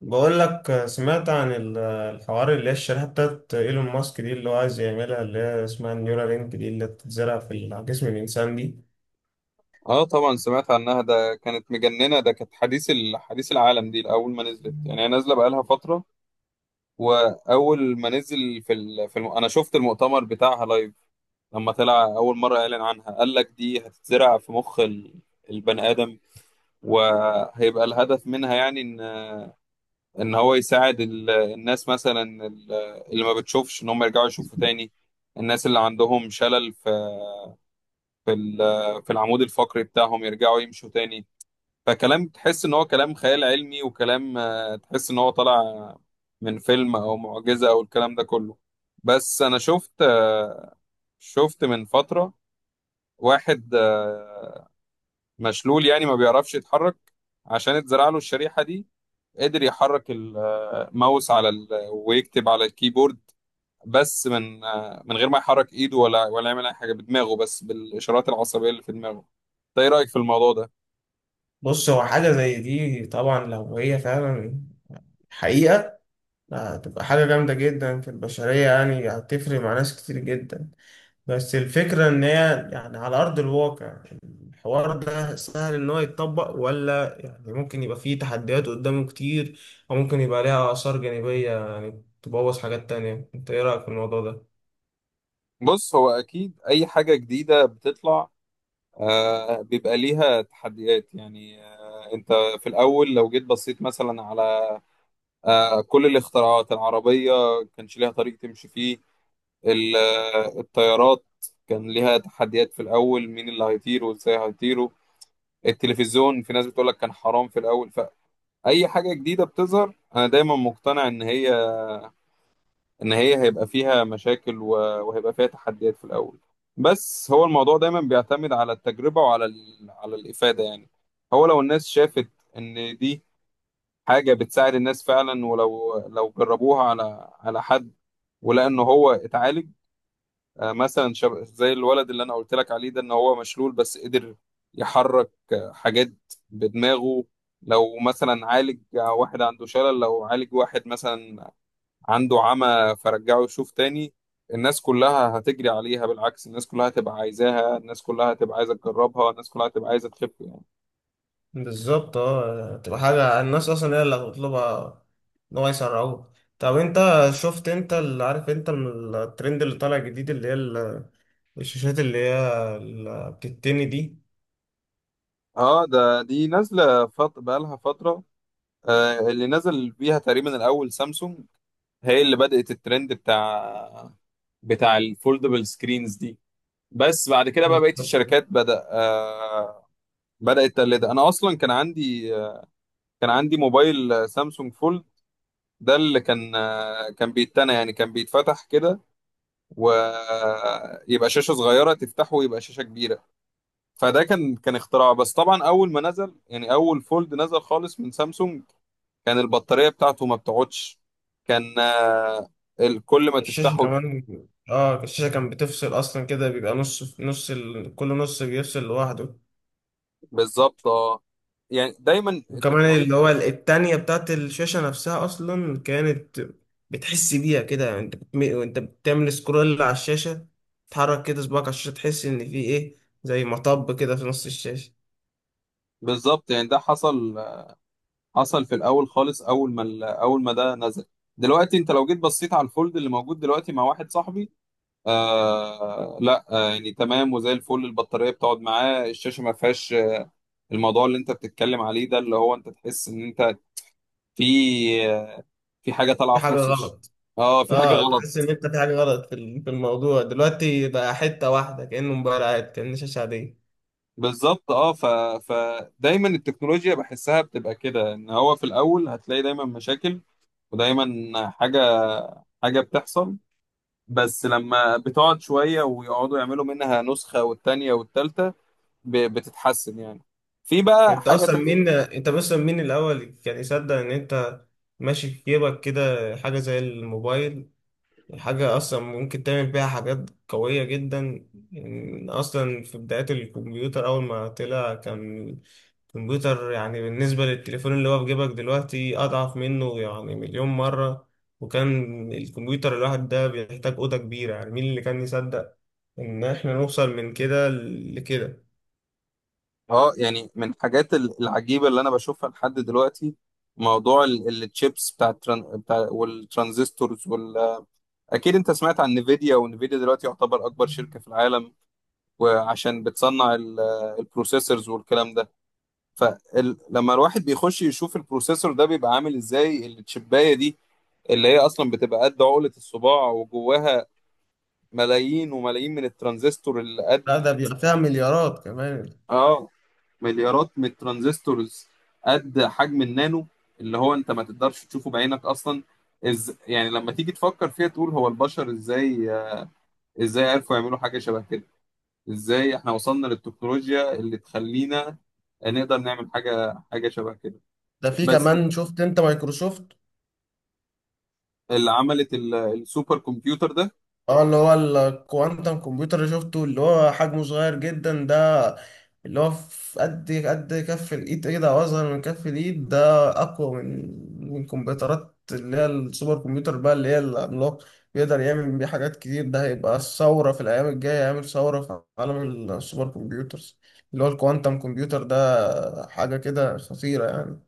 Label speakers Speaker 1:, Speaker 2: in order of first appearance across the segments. Speaker 1: بقول لك سمعت عن الحوار اللي هي الشريحة بتاعت ايلون ماسك دي، اللي هو عايز يعملها، اللي هي اسمها النيورالينك دي، اللي بتتزرع على جسم الإنسان دي.
Speaker 2: اه، طبعا سمعت عنها. ده كانت مجننة، ده كانت حديث العالم. دي اول ما نزلت، يعني هي نازلة بقالها فترة. واول ما نزل في ال... في الم... انا شفت المؤتمر بتاعها لايف. لما طلع اول مرة اعلن عنها، قال لك دي هتتزرع في مخ البني ادم، وهيبقى الهدف منها يعني ان هو يساعد الناس، مثلا اللي ما بتشوفش، ان هم يرجعوا يشوفوا تاني. الناس اللي عندهم شلل في ال... في العمود الفقري بتاعهم، يرجعوا يمشوا تاني. فكلام تحس ان هو كلام خيال علمي، وكلام تحس ان هو طالع من فيلم، او معجزة، او الكلام ده كله. بس انا شفت من فترة واحد مشلول، يعني ما بيعرفش يتحرك. عشان اتزرع له الشريحة دي، قدر يحرك الماوس ويكتب على الكيبورد، بس من غير ما يحرك ايده، ولا يعمل اي حاجة بدماغه، بس بالاشارات العصبية اللي في دماغه. ده ايه رأيك في الموضوع ده؟
Speaker 1: بص، هو حاجة زي دي طبعا، لو هي فعلا حقيقة، هتبقى حاجة جامدة جدا في البشرية، يعني هتفرق مع ناس كتير جدا. بس الفكرة إن هي يعني على أرض الواقع، الحوار ده سهل إن هو يتطبق ولا يعني ممكن يبقى فيه تحديات قدامه كتير، أو ممكن يبقى ليها آثار جانبية يعني تبوظ حاجات تانية. أنت إيه رأيك في الموضوع ده؟
Speaker 2: بص هو اكيد اي حاجة جديدة بتطلع بيبقى ليها تحديات، يعني انت في الاول لو جيت بصيت مثلا على كل الاختراعات العربيه، كانش ليها طريق تمشي فيه. الطيارات كان ليها تحديات في الاول، مين اللي هيطير وازاي هيطيروا. التلفزيون في ناس بتقولك كان حرام في الاول. فاي حاجه جديده بتظهر، انا دايما مقتنع ان هي هيبقى فيها مشاكل، و- وهيبقى فيها تحديات في الاول. بس هو الموضوع دايما بيعتمد على التجربة، على الإفادة يعني. هو لو الناس شافت ان دي حاجة بتساعد الناس فعلا، ولو جربوها على حد، ولقى ان هو اتعالج. مثلا زي الولد اللي انا قلت لك عليه ده، ان هو مشلول بس قدر يحرك حاجات بدماغه. لو مثلا عالج واحد عنده شلل، لو عالج واحد مثلا عنده عمى فرجعه يشوف تاني، الناس كلها هتجري عليها. بالعكس، الناس كلها هتبقى عايزاها، الناس كلها هتبقى عايزة تجربها، الناس كلها هتبقى عايزة تخف يعني.
Speaker 1: بالظبط، اه، تبقى حاجة الناس أصلا هي اللي هتطلبها، إن هو يسرعوه. طب أنت شفت، أنت اللي عارف أنت، من الترند اللي طالع جديد، اللي هي الشاشات اللي هي اللي بتتني دي.
Speaker 2: اه، ده دي نازلة بقالها فترة. اللي نزل بيها تقريبا الأول سامسونج، هي اللي بدأت الترند بتاع الفولدبل سكرينز دي. بس بعد كده بقى بقية
Speaker 1: بالظبط.
Speaker 2: الشركات بدأت تقلدها. أنا أصلا كان عندي موبايل سامسونج فولد، ده اللي كان بيتنى، يعني كان بيتفتح كده ويبقى شاشة صغيرة، تفتحه ويبقى شاشة كبيرة. فده كان اختراع. بس طبعا أول ما نزل، يعني أول فولد نزل خالص من سامسونج، كان البطارية بتاعته ما بتقعدش، كان كل ما
Speaker 1: الشاشة
Speaker 2: تفتحه.
Speaker 1: كمان. اه، الشاشة كان بتفصل أصلا كده، بيبقى نص في نص كل نص بيفصل لوحده.
Speaker 2: بالظبط، اه، يعني دايما
Speaker 1: وكمان
Speaker 2: التكنولوجيا.
Speaker 1: اللي هو التانية بتاعت الشاشة نفسها أصلا كانت بتحس بيها كده، يعني أنت وأنت بتعمل سكرول على الشاشة، تحرك كده صباعك على الشاشة تحس إن في إيه، زي مطب كده في نص الشاشة.
Speaker 2: بالظبط، يعني ده حصل في الأول خالص، أول ما أول ما ده نزل. دلوقتي انت لو جيت بصيت على الفولد اللي موجود دلوقتي مع واحد صاحبي، لا يعني تمام وزي الفل، البطارية بتقعد معاه، الشاشة ما فيهاش الموضوع اللي انت بتتكلم عليه ده، اللي هو انت تحس ان انت في في حاجه طالعه
Speaker 1: في
Speaker 2: في
Speaker 1: حاجة غلط.
Speaker 2: اه في حاجه
Speaker 1: اه،
Speaker 2: غلط.
Speaker 1: تحس إن أنت في حاجة غلط في الموضوع. دلوقتي بقى حتة واحدة، كأنه موبايل عادي، كأنه شاشة عادية.
Speaker 2: بالظبط، فدايما التكنولوجيا بحسها بتبقى كده، ان هو في الاول هتلاقي دايما مشاكل، ودايما حاجه حاجه بتحصل. بس لما بتقعد شويه ويقعدوا يعملوا منها نسخه والتانيه والتالته، بتتحسن يعني. في بقى
Speaker 1: انت
Speaker 2: حاجه
Speaker 1: اصلا مين
Speaker 2: تانيه،
Speaker 1: انت اصلا مين الاول كان يصدق ان انت ماشي في جيبك كده حاجه زي الموبايل؟ حاجه اصلا ممكن تعمل بيها حاجات قويه جدا. ان اصلا في بدايات الكمبيوتر، اول ما طلع، كان الكمبيوتر يعني بالنسبه للتليفون اللي هو في جيبك دلوقتي اضعف منه يعني مليون مره. وكان الكمبيوتر الواحد ده بيحتاج اوضه كبيره. يعني مين اللي كان يصدق ان احنا نوصل من كده لكده؟
Speaker 2: اه، يعني من الحاجات العجيبة اللي انا بشوفها لحد دلوقتي، موضوع التشيبس بتاع والترانزستورز اكيد انت سمعت عن نيفيديا، ونيفيديا دلوقتي يعتبر اكبر شركة في العالم، وعشان بتصنع البروسيسورز والكلام ده. فلما الواحد بيخش يشوف البروسيسور ده، بيبقى عامل ازاي التشيباية دي اللي هي اصلا بتبقى قد عقلة الصباع، وجواها ملايين وملايين من الترانزستور اللي قد،
Speaker 1: لا، ده بيبقى فيها مليارات كمان.
Speaker 2: اه، مليارات من الترانزستورز قد حجم النانو، اللي هو انت ما تقدرش تشوفه بعينك اصلا. يعني لما تيجي تفكر فيها، تقول هو البشر ازاي، ازاي عرفوا يعملوا حاجة شبه كده؟ ازاي احنا وصلنا للتكنولوجيا اللي تخلينا نقدر نعمل حاجة شبه كده؟
Speaker 1: ده في
Speaker 2: بس
Speaker 1: كمان، شفت انت مايكروسوفت؟
Speaker 2: اللي عملت السوبر كمبيوتر ده.
Speaker 1: اه، اللي هو الكوانتم كمبيوتر اللي شفته، اللي هو حجمه صغير جدا ده، اللي هو في قد كف الايد، ايه ده، اصغر من كف الايد ده، اقوى من كمبيوترات اللي هي السوبر كمبيوتر بقى، اللي هي العملاق. بيقدر يعمل بيه حاجات كتير. ده هيبقى الثورة في الأيام الجاية، هيعمل ثورة في عالم السوبر كمبيوترز. اللي هو الكوانتم كمبيوتر ده حاجة كده خطيرة يعني.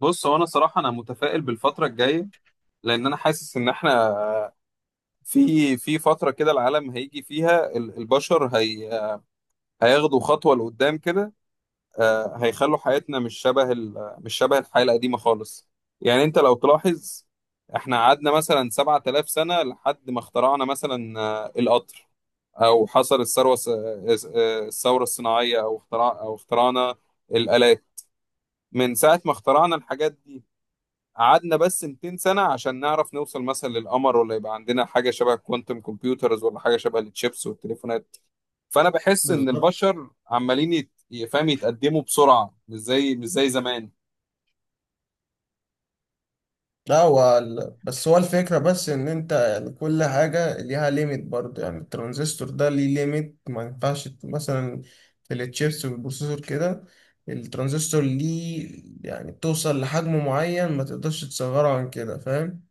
Speaker 2: بص هو انا صراحة انا متفائل بالفترة الجاية، لان انا حاسس ان احنا في فترة كده العالم هيجي فيها البشر هياخدوا خطوة لقدام كده. هيخلوا حياتنا مش شبه الحياة القديمة خالص. يعني انت لو تلاحظ، احنا قعدنا مثلا 7,000 سنة لحد ما اخترعنا مثلا، القطر، او حصل الثروة الس- آه، الثورة الصناعية، او اختراع او اخترعنا الآلات. من ساعة ما اخترعنا الحاجات دي، قعدنا بس 200 سنة عشان نعرف نوصل مثلا للقمر، ولا يبقى عندنا حاجة شبه الكوانتم كمبيوترز، ولا حاجة شبه التشيبس والتليفونات. فانا بحس ان
Speaker 1: بالظبط.
Speaker 2: البشر عمالين يت- يفهم يتقدموا بسرعه، مش زي زمان.
Speaker 1: لا، هو بس هو الفكرة بس إن أنت يعني كل حاجة ليها ليميت برضه، يعني الترانزستور ده ليه ليميت، ما ينفعش مثلا في التشيبس والبروسيسور كده، الترانزستور ليه يعني بتوصل لحجم معين ما تقدرش تصغره عن كده، فاهم؟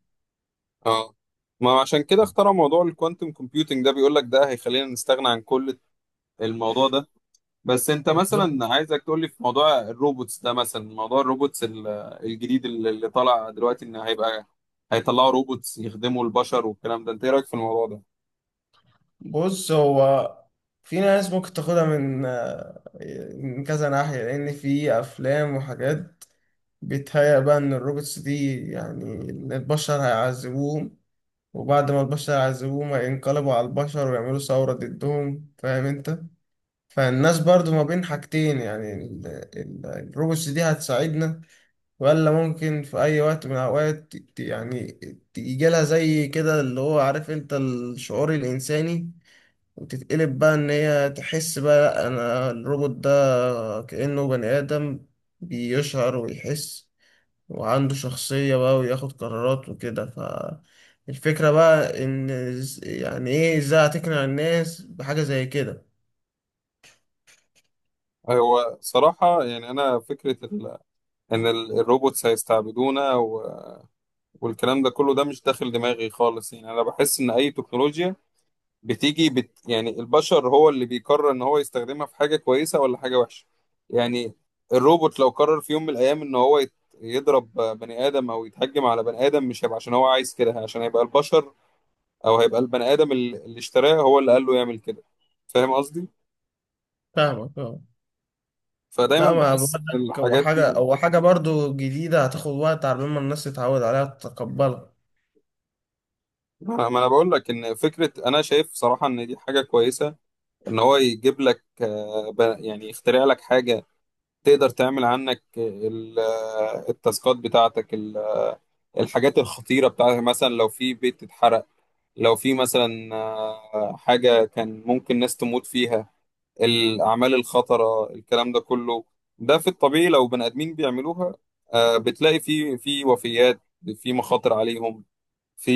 Speaker 2: اه، ما عشان كده اخترعوا موضوع الكوانتم كومبيوتنج ده، بيقول لك ده هيخلينا نستغنى عن كل الموضوع ده. بس انت
Speaker 1: بالظبط.
Speaker 2: مثلا عايزك تقول لي في موضوع الروبوتس ده، مثلا موضوع الروبوتس الجديد اللي طالع دلوقتي، ان هيطلعوا روبوتس يخدموا البشر والكلام ده، انت ايه رايك في الموضوع ده؟
Speaker 1: بص، هو في ناس ممكن تاخدها من كذا ناحية، لأن في أفلام وحاجات بيتهيأ بقى إن الروبوتس دي، يعني إن البشر هيعذبوهم، وبعد ما البشر يعذبوهم ينقلبوا على البشر ويعملوا ثورة ضدهم، فاهم انت؟ فالناس برضو ما بين حاجتين، يعني الروبوتس دي هتساعدنا، ولا ممكن في أي وقت من الأوقات يعني يجيلها زي كده، اللي هو عارف انت، الشعور الإنساني وتتقلب بقى، إن هي تحس بقى لأ، أنا الروبوت ده كأنه بني آدم، بيشعر ويحس وعنده شخصية بقى وياخد قرارات وكده. ف الفكرة بقى إن يعني إيه إزاي هتقنع الناس بحاجة زي كده؟
Speaker 2: هو صراحة يعني أنا فكرة الروبوتس هيستعبدونا والكلام ده كله، ده مش داخل دماغي خالص. يعني انا بحس ان اي تكنولوجيا بتيجي يعني البشر هو اللي بيقرر ان هو يستخدمها في حاجة كويسة ولا حاجة وحشة. يعني الروبوت لو قرر في يوم من الايام ان هو يضرب بني ادم، او يتهجم على بني ادم، مش هيبقى عشان هو عايز كده، عشان هيبقى البشر، او هيبقى البني ادم اللي اشتراه هو اللي قال له يعمل كده، فاهم قصدي؟
Speaker 1: فاهمك، اه.
Speaker 2: فدايما
Speaker 1: لا، ما بقول
Speaker 2: بحس ان
Speaker 1: لك، هو
Speaker 2: الحاجات دي،
Speaker 1: حاجة هو حاجة برضو جديدة هتاخد وقت على ما الناس تتعود عليها تتقبلها.
Speaker 2: ما أنا بقول لك ان فكرة، انا شايف صراحة ان دي حاجة كويسة، ان هو يجيب لك يعني يخترع لك حاجه تقدر تعمل عنك التاسكات بتاعتك، الحاجات الخطيره بتاعتك. مثلا لو في بيت اتحرق، لو في مثلا حاجه كان ممكن ناس تموت فيها، الاعمال الخطره الكلام ده كله، ده في الطبيعي لو بني ادمين بيعملوها، بتلاقي في وفيات، في مخاطر عليهم، في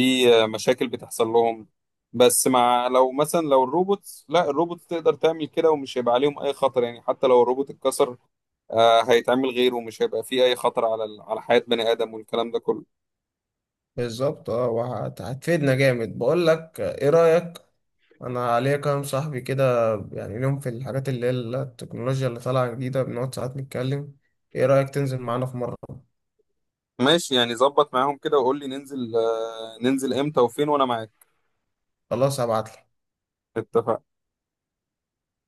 Speaker 2: مشاكل بتحصل لهم. بس لو مثلا، لو الروبوتس، لا الروبوتس تقدر تعمل كده، ومش هيبقى عليهم اي خطر، يعني حتى لو الروبوت اتكسر، هيتعمل غيره، ومش هيبقى فيه اي خطر على حياة بني ادم والكلام ده كله.
Speaker 1: بالظبط، اه، وهت- هتفيدنا جامد. بقول لك ايه رأيك، انا عليا كام صاحبي كده يعني ليهم في الحاجات اللي هي التكنولوجيا اللي طالعة جديدة، بنقعد ساعات نتكلم. ايه رأيك تنزل معانا في مرة؟
Speaker 2: ماشي، يعني ظبط معاهم كده وقول لي ننزل، ننزل امتى وفين، وانا معاك.
Speaker 1: خلاص، هبعتلك.
Speaker 2: اتفقنا.